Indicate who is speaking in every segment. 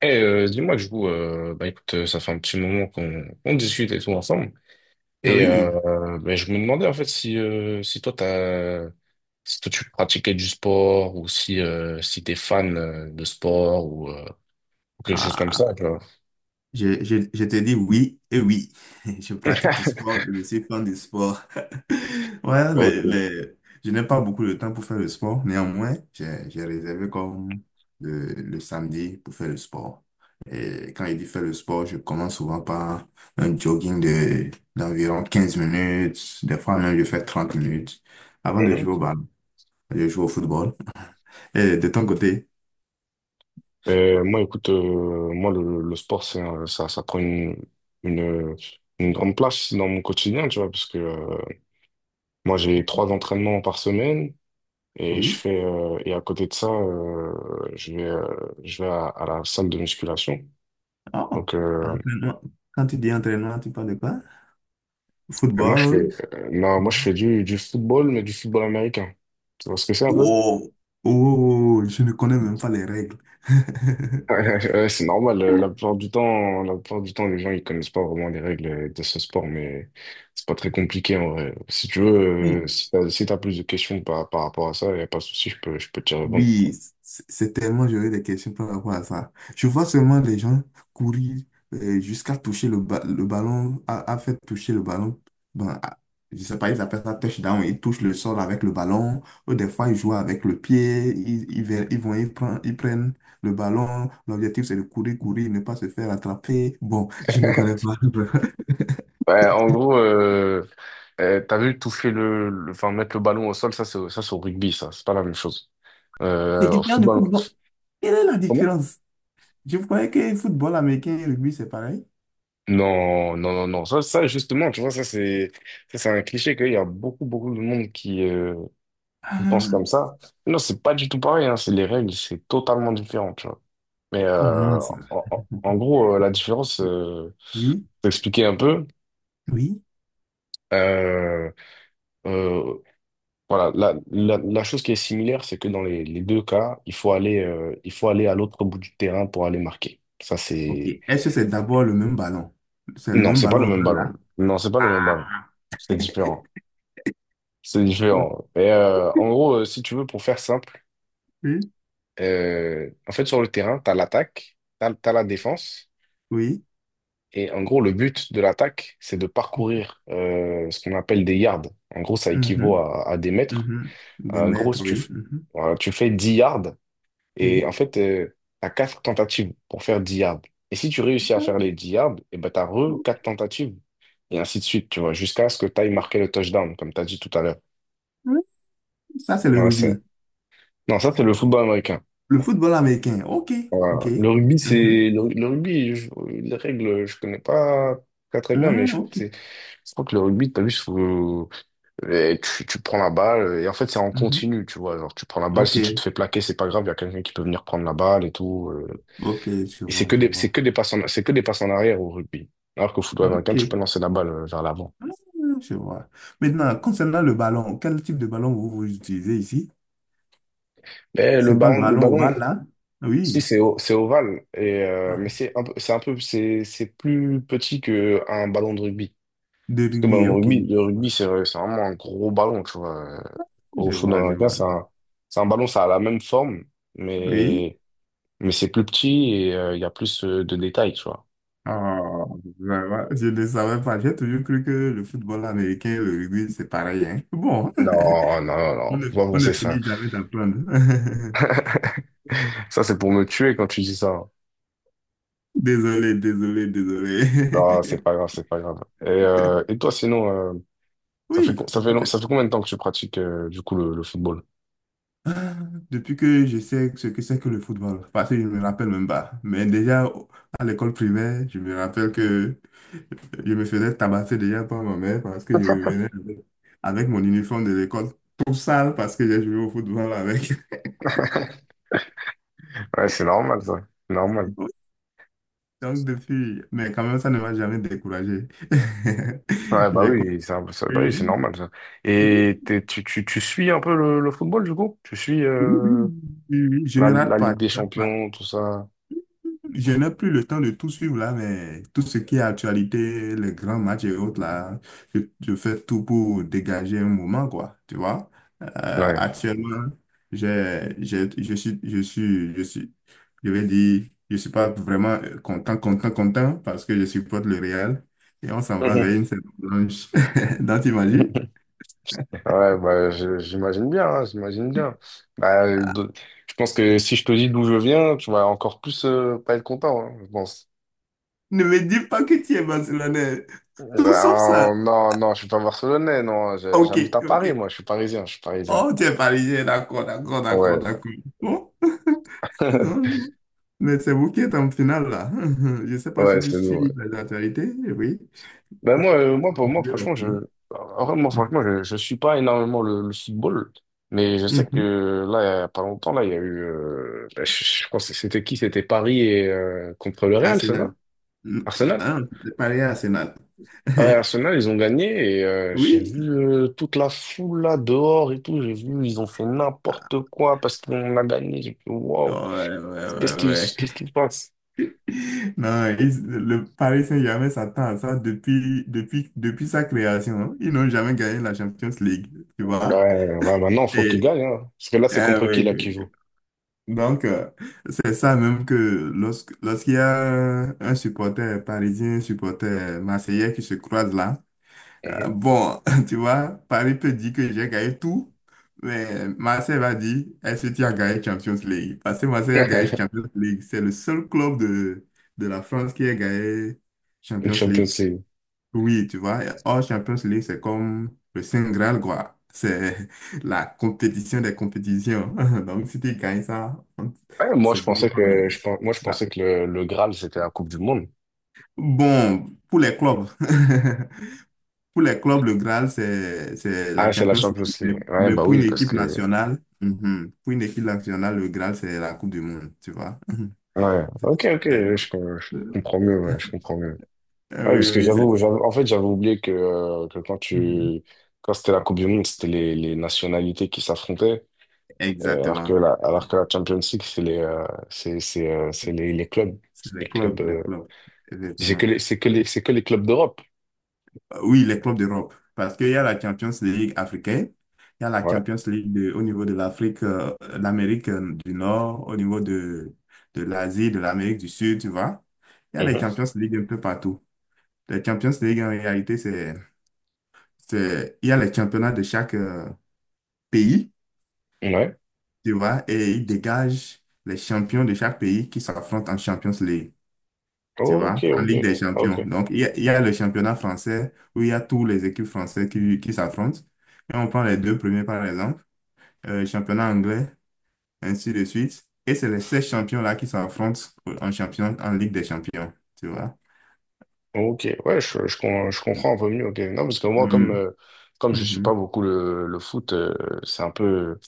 Speaker 1: Dis-moi que je vous, bah écoute, ça fait un petit moment qu'on discute et tout ensemble.
Speaker 2: Ah
Speaker 1: Et
Speaker 2: oui,
Speaker 1: euh, bah, je me demandais en fait si toi tu pratiquais du sport ou si t'es fan de sport, ou quelque chose comme
Speaker 2: ah,
Speaker 1: ça, tu vois.
Speaker 2: je te dis oui et oui. Je pratique du sport et je suis fan du sport. Ouais,
Speaker 1: Ok.
Speaker 2: je n'ai pas beaucoup de temps pour faire le sport. Néanmoins, j'ai réservé comme le samedi pour faire le sport. Et quand il dit faire le sport, je commence souvent par un jogging de, d'environ 15 minutes. Des fois même, je fais 30 minutes avant de jouer au
Speaker 1: Mhm.
Speaker 2: ballon. Je joue au football. Et de ton côté,
Speaker 1: Moi, écoute, moi le sport, ça prend une une grande place dans mon quotidien, tu vois, parce que moi, j'ai trois entraînements par semaine. Et je
Speaker 2: oui.
Speaker 1: fais et à côté de ça, je vais euh, je vais à la salle de musculation.
Speaker 2: Oh.
Speaker 1: Donc,
Speaker 2: Entraînement. Quand tu dis entraînement, tu parles de quoi?
Speaker 1: et moi je fais
Speaker 2: Football.
Speaker 1: non, moi je
Speaker 2: Mhm.
Speaker 1: fais du football, mais du football américain. Tu vois ce que c'est un peu?
Speaker 2: Oh. Oh, je ne connais même pas les règles.
Speaker 1: Ouais, c'est normal. La plupart du temps, la plupart du temps, les gens, ils connaissent pas vraiment les règles de ce sport, mais c'est pas très compliqué en vrai. Si tu
Speaker 2: Mais
Speaker 1: veux, si t'as plus de questions par rapport à ça, y a pas de souci, je peux te dire.
Speaker 2: oui, c'est tellement, j'aurais des questions par rapport à ça. Je vois seulement des gens courir jusqu'à toucher le, le ballon, à faire toucher le ballon. Bon, je sais pas, ils appellent ça touchdown. Ils touchent le sol avec le ballon. Ou des fois, ils jouent avec le pied. Ils vont, ils prennent le ballon. L'objectif, c'est de courir, courir, ne pas se faire attraper. Bon, je ne connais pas.
Speaker 1: Ouais, en gros, t'as vu toucher enfin, mettre le ballon au sol, ça c'est au rugby, ça, c'est pas la même chose.
Speaker 2: C'est
Speaker 1: Au
Speaker 2: différent du
Speaker 1: football,
Speaker 2: football. Quelle est la
Speaker 1: comment?
Speaker 2: différence? Je croyais que le football américain et le rugby, c'est pareil.
Speaker 1: Non, non, non, non, ça, justement, tu vois, ça c'est un cliché qu'il y a beaucoup, beaucoup de monde qui pense
Speaker 2: Ah,
Speaker 1: comme ça. Non, c'est pas du tout pareil, hein, c'est les règles, c'est totalement différent, tu vois. Mais
Speaker 2: comment ça?
Speaker 1: en gros, la différence,
Speaker 2: Oui,
Speaker 1: pour t'expliquer un peu.
Speaker 2: oui.
Speaker 1: Euh, euh, Voilà, la chose qui est similaire, c'est que dans les deux cas, il faut aller à l'autre bout du terrain pour aller marquer. Ça,
Speaker 2: Ok.
Speaker 1: c'est.
Speaker 2: Est-ce que c'est d'abord le même ballon? C'est le
Speaker 1: Non,
Speaker 2: même
Speaker 1: c'est pas le
Speaker 2: ballon
Speaker 1: même
Speaker 2: ovale
Speaker 1: ballon.
Speaker 2: là?
Speaker 1: Non, c'est pas le même ballon.
Speaker 2: Ah!
Speaker 1: C'est différent. C'est différent. Et en gros, si tu veux, pour faire simple,
Speaker 2: Ok.
Speaker 1: en fait, sur le terrain, t'as l'attaque, t'as la défense.
Speaker 2: Oui.
Speaker 1: Et en gros, le but de l'attaque, c'est de parcourir ce qu'on appelle des yards. En gros, ça équivaut
Speaker 2: Mhm,
Speaker 1: à des mètres.
Speaker 2: mhm. Des
Speaker 1: En gros,
Speaker 2: mètres,
Speaker 1: si tu,
Speaker 2: oui.
Speaker 1: f-
Speaker 2: Mhm,
Speaker 1: voilà, tu fais 10 yards. Et
Speaker 2: oui.
Speaker 1: en fait, tu as quatre tentatives pour faire 10 yards. Et si tu réussis à faire les 10 yards, et ben, tu as re quatre tentatives. Et ainsi de suite, tu vois, jusqu'à ce que tu ailles marquer le touchdown, comme tu as dit tout à l'heure.
Speaker 2: Oui, ça, c'est le
Speaker 1: Voilà, c'est.
Speaker 2: rugby.
Speaker 1: Non, ça, c'est le football américain.
Speaker 2: Le football américain. OK.
Speaker 1: Voilà.
Speaker 2: OK.
Speaker 1: Le rugby,
Speaker 2: Mhm.
Speaker 1: c'est. Le rugby, les règles, je connais pas très très bien, mais
Speaker 2: Ah,
Speaker 1: je crois que
Speaker 2: OK.
Speaker 1: c'est. Je crois que le rugby, t'as vu, tu prends la balle, et en fait, c'est en
Speaker 2: Mhm.
Speaker 1: continu, tu vois. Genre, tu prends la balle, si tu te
Speaker 2: OK.
Speaker 1: fais plaquer, c'est pas grave, il y a quelqu'un qui peut venir prendre la balle et tout.
Speaker 2: OK. Je
Speaker 1: Et
Speaker 2: vois, je vois.
Speaker 1: c'est que des passes en arrière au rugby. Alors qu'au football américain, tu peux
Speaker 2: OK.
Speaker 1: lancer la balle vers l'avant.
Speaker 2: Ah, je vois. Maintenant, concernant le ballon, quel type de ballon vous utilisez ici?
Speaker 1: Mais
Speaker 2: C'est pas le
Speaker 1: le
Speaker 2: ballon
Speaker 1: ballon,
Speaker 2: ovale, là?
Speaker 1: si
Speaker 2: Oui.
Speaker 1: c'est o- c'est ovale, et mais
Speaker 2: Ah,
Speaker 1: c'est un peu, c'est un peu, c'est plus petit qu'un ballon de rugby.
Speaker 2: de
Speaker 1: Parce que le ballon
Speaker 2: rugby.
Speaker 1: de
Speaker 2: OK.
Speaker 1: rugby, le rugby, c'est vraiment un gros ballon, tu vois. Au
Speaker 2: Je
Speaker 1: football
Speaker 2: vois, je
Speaker 1: américain,
Speaker 2: vois.
Speaker 1: c'est un ballon, ça a la même forme,
Speaker 2: Oui.
Speaker 1: mais, mais c'est plus petit, et il y a plus de détails, tu vois.
Speaker 2: Oh, vraiment, je ne savais pas. J'ai toujours cru que le football américain et le rugby, c'est pareil, hein. Bon,
Speaker 1: Non, non, non, non, faut pas
Speaker 2: on ne
Speaker 1: penser ça.
Speaker 2: finit jamais d'apprendre.
Speaker 1: Ça, c'est pour me tuer quand tu dis ça.
Speaker 2: Désolé, désolé,
Speaker 1: Non, c'est
Speaker 2: désolé.
Speaker 1: pas grave, c'est pas grave. Et toi, sinon, ça fait,
Speaker 2: Oui,
Speaker 1: co- ça fait, long- ça fait combien de temps que tu pratiques du coup le football?
Speaker 2: ah, depuis que je sais ce que c'est que le football, parce que je ne me rappelle même pas. Mais déjà, à l'école primaire, je me rappelle que je me faisais tabasser déjà par ma mère parce que je revenais avec, avec mon uniforme de l'école tout sale parce que j'ai joué au football avec.
Speaker 1: Ouais, c'est normal, ça. C'est normal.
Speaker 2: Donc depuis, mais quand même, ça ne m'a jamais découragé.
Speaker 1: Ouais, bah
Speaker 2: J'ai compris.
Speaker 1: oui, bah oui, c'est
Speaker 2: Oui,
Speaker 1: normal, ça.
Speaker 2: oui,
Speaker 1: Tu suis un peu le football, du coup? Tu suis
Speaker 2: oui, oui, oui, je
Speaker 1: la,
Speaker 2: ne rate
Speaker 1: la
Speaker 2: pas.
Speaker 1: Ligue des
Speaker 2: Je ne rate pas.
Speaker 1: Champions, tout ça?
Speaker 2: Je n'ai plus le temps de tout suivre là, mais tout ce qui est actualité, les grands matchs et autres là, je fais tout pour dégager un moment, quoi, tu vois. Euh,
Speaker 1: Ouais.
Speaker 2: Actuellement, je suis, je vais dire, je suis pas vraiment content, content, content parce que je supporte le Real et on s'en va vers
Speaker 1: Mhm.
Speaker 2: une saison blanche. Donc, t'imagines?
Speaker 1: Ouais, bah, j'imagine bien, hein, j'imagine bien. Bah, je pense que si je te dis d'où je viens, tu vas encore plus, pas être content, hein, je pense.
Speaker 2: Ne me dis pas que tu es Barcelonais.
Speaker 1: Euh,
Speaker 2: Tout sauf ça.
Speaker 1: Non, non, non, je suis pas barcelonais, non,
Speaker 2: Ok,
Speaker 1: j'habite à
Speaker 2: ok.
Speaker 1: Paris, moi, je suis parisien, je suis parisien.
Speaker 2: Oh, tu es parisien, d'accord, d'accord, d'accord,
Speaker 1: Ouais,
Speaker 2: d'accord. Bon, non, mais c'est vous qui êtes en finale, là. Je ne sais pas
Speaker 1: ouais,
Speaker 2: si tu
Speaker 1: c'est
Speaker 2: suis
Speaker 1: nous. Ouais.
Speaker 2: les actualités, oui.
Speaker 1: Ben moi,
Speaker 2: Pa- pa-
Speaker 1: pour moi,
Speaker 2: la
Speaker 1: franchement,
Speaker 2: finale.
Speaker 1: en vrai, moi,
Speaker 2: Mhm.
Speaker 1: franchement, je suis pas énormément le football, mais je sais
Speaker 2: Mhm.
Speaker 1: que là, il y a pas longtemps, là, il y a eu, ben, je pense que c'était qui? C'était Paris contre le Real, c'est ça?
Speaker 2: Arsenal. Mhm.
Speaker 1: Arsenal.
Speaker 2: Ah, c'est Paris à Arsenal.
Speaker 1: Paris et Arsenal, ils ont gagné, et j'ai
Speaker 2: Oui.
Speaker 1: vu toute la foule là dehors et tout, j'ai vu, ils ont fait
Speaker 2: Ah,
Speaker 1: n'importe quoi parce qu'on a gagné, j'ai fait
Speaker 2: ouais,
Speaker 1: waouh.
Speaker 2: ouais, ouais,
Speaker 1: Qu'est-ce qui,
Speaker 2: ouais.
Speaker 1: qu'est-ce qui se passe?
Speaker 2: Non, le Paris Saint-Germain s'attend à ça depuis, depuis, depuis sa création, hein. Ils n'ont jamais gagné la Champions League, tu
Speaker 1: Ouais,
Speaker 2: vois?
Speaker 1: ouais, maintenant, faut qu'il
Speaker 2: Et,
Speaker 1: gagne, hein. Parce que là, c'est
Speaker 2: ah
Speaker 1: contre qui,
Speaker 2: oui,
Speaker 1: là, qui joue?
Speaker 2: oui. Donc, c'est ça même que lorsqu'il y a un supporter parisien, un supporter marseillais qui se croisent là,
Speaker 1: Mhm.
Speaker 2: bon, tu vois, Paris peut dire que j'ai gagné tout, mais Marseille va dire, est-ce que tu as gagné Champions League? Parce que Marseille a gagné Champions League. C'est le seul club de la France qui a gagné
Speaker 1: Une
Speaker 2: Champions League.
Speaker 1: Champions League.
Speaker 2: Oui, tu vois, hors Champions League, c'est comme le Saint Graal, quoi. C'est la compétition des compétitions. Donc, si tu gagnes ça,
Speaker 1: Ouais, moi,
Speaker 2: c'est
Speaker 1: je pensais
Speaker 2: vraiment...
Speaker 1: que, je, pen- moi, je
Speaker 2: là.
Speaker 1: pensais que le Graal, c'était la Coupe du Monde.
Speaker 2: Bon, pour les clubs, pour les clubs, le Graal, c'est
Speaker 1: Ah,
Speaker 2: la
Speaker 1: c'est la
Speaker 2: Champions
Speaker 1: Champions
Speaker 2: League.
Speaker 1: League. Ouais,
Speaker 2: Mais
Speaker 1: bah
Speaker 2: pour une
Speaker 1: oui, parce
Speaker 2: équipe
Speaker 1: que,
Speaker 2: nationale, mhm, pour une équipe nationale, le Graal, c'est la Coupe du Monde, tu vois.
Speaker 1: ouais.
Speaker 2: C'est-
Speaker 1: Ok, ok,
Speaker 2: c'est-
Speaker 1: je comprends mieux, ouais, je comprends mieux.
Speaker 2: Ah
Speaker 1: Ouais,
Speaker 2: oui, oui,
Speaker 1: parce que
Speaker 2: oui, c'est...
Speaker 1: en fait, j'avais oublié que
Speaker 2: mhm.
Speaker 1: quand c'était la Coupe du Monde, c'était les nationalités qui s'affrontaient. Et
Speaker 2: Exactement.
Speaker 1: alors que la Champions League, c'est les clubs.
Speaker 2: C'est
Speaker 1: Les
Speaker 2: les clubs,
Speaker 1: clubs.
Speaker 2: les
Speaker 1: Euh,
Speaker 2: clubs.
Speaker 1: C'est
Speaker 2: Effectivement.
Speaker 1: que les, c'est que les, c'est que les clubs d'Europe.
Speaker 2: Oui, les clubs d'Europe. Parce qu'il y a la Champions League africaine, il y a la
Speaker 1: Ouais.
Speaker 2: Champions League au niveau de l'Afrique, l'Amérique du Nord, au niveau de l'Asie, de l'Amérique du Sud, tu vois. Il y a les
Speaker 1: Mhm.
Speaker 2: Champions League un peu partout. Les Champions League, en réalité, c'est, il y a les championnats de chaque pays,
Speaker 1: Ouais.
Speaker 2: tu vois, et ils dégagent les champions de chaque pays qui s'affrontent en Champions League, tu
Speaker 1: Ok,
Speaker 2: vois, en
Speaker 1: ok.
Speaker 2: Ligue des Champions.
Speaker 1: Ok.
Speaker 2: Donc, il y a le championnat français où il y a tous les équipes françaises qui s'affrontent. Et on prend les deux premiers, par exemple, championnat anglais, ainsi de suite. Et c'est les 16 champions-là qui s'affrontent en champion, en Ligue des Champions, tu vois.
Speaker 1: Ok. Ouais, je comprends un peu mieux. Ok. Non, parce que moi,
Speaker 2: Mhm.
Speaker 1: comme je suis pas
Speaker 2: Mhm.
Speaker 1: beaucoup le foot, c'est un peu,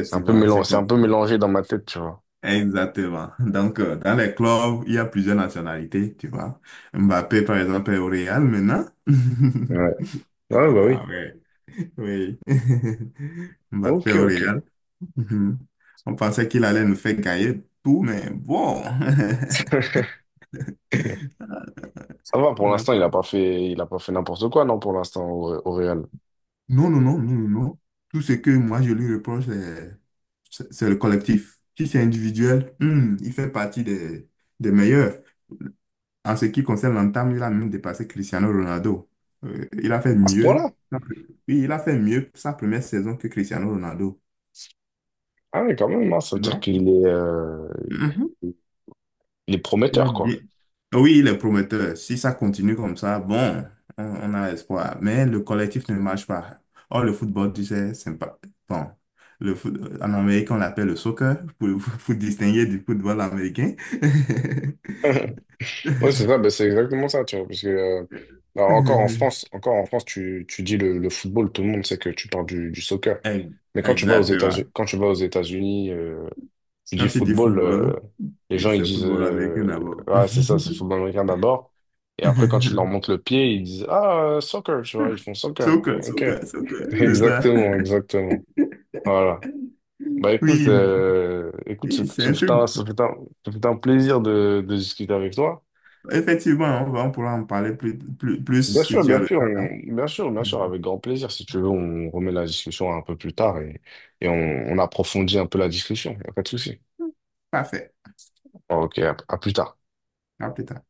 Speaker 1: c'est un peu
Speaker 2: je
Speaker 1: c'est un peu
Speaker 2: comprends.
Speaker 1: mélangé dans ma tête, tu vois.
Speaker 2: Exactement. Donc, dans les clubs, il y a plusieurs nationalités, tu vois. Mbappé, par exemple, est au Real maintenant.
Speaker 1: Ouais. Ouais, bah oui.
Speaker 2: Ah ouais, oui. Mbappé
Speaker 1: Ok,
Speaker 2: au
Speaker 1: ok.
Speaker 2: Real. Mhm. On pensait qu'il allait nous faire gagner tout, mais bon.
Speaker 1: Ça va, pour
Speaker 2: On a-
Speaker 1: l'instant, il a pas fait n'importe quoi, non, pour l'instant, au Real.
Speaker 2: Non, non, non, non, non, non. Tout ce que moi je lui reproche, c'est le collectif. Si c'est individuel, il fait partie des meilleurs. En ce qui concerne l'entame, il a même dépassé Cristiano Ronaldo. Il a fait
Speaker 1: À ce
Speaker 2: mieux.
Speaker 1: point-là?
Speaker 2: Oui, il a fait mieux sa première saison que Cristiano Ronaldo.
Speaker 1: Ah oui, quand même, hein, ça veut
Speaker 2: Tu
Speaker 1: dire
Speaker 2: vois?
Speaker 1: il est
Speaker 2: Il
Speaker 1: prometteur,
Speaker 2: a-
Speaker 1: quoi.
Speaker 2: Et- Oui, il est prometteur. Si ça continue comme ça, bon, on a espoir. Mais le collectif ne marche pas. Or, le football, tu sais, c'est pas... Bon, le foot... en Amérique, on l'appelle le soccer, pour, pour distinguer du football américain.
Speaker 1: Ouais, c'est ça, bah, c'est exactement ça, tu vois, parce que, alors, encore en France, tu dis le football, tout le monde sait que tu parles du soccer.
Speaker 2: Eh,
Speaker 1: Mais quand tu vas aux
Speaker 2: exactement.
Speaker 1: États-Unis, quand tu vas aux États-Unis, tu
Speaker 2: Quand
Speaker 1: dis
Speaker 2: tu dis
Speaker 1: football,
Speaker 2: football,
Speaker 1: les gens ils
Speaker 2: c'est
Speaker 1: disent,
Speaker 2: football américain d'abord.
Speaker 1: ah, c'est ça, c'est football américain d'abord. Et après, quand tu leur montres le pied, ils disent ah, soccer, tu vois, ils font soccer.
Speaker 2: Soccer,
Speaker 1: Ok,
Speaker 2: soccer, soccer, c'est ça.
Speaker 1: exactement, exactement. Voilà. Bah écoute,
Speaker 2: Oui, mais oui, c'est un truc
Speaker 1: ce fut un plaisir de discuter avec toi.
Speaker 2: effectivement. On pourra en parler plus, plus, plus
Speaker 1: Bien
Speaker 2: si
Speaker 1: sûr,
Speaker 2: tu as
Speaker 1: bien
Speaker 2: le
Speaker 1: sûr,
Speaker 2: temps, hein.
Speaker 1: bien sûr, bien sûr,
Speaker 2: Mhm.
Speaker 1: avec grand plaisir. Si tu veux, on remet la discussion un peu plus tard, et on approfondit un peu la discussion. Y a pas de souci.
Speaker 2: Parfait.
Speaker 1: Ok, à plus tard.
Speaker 2: À plus tard.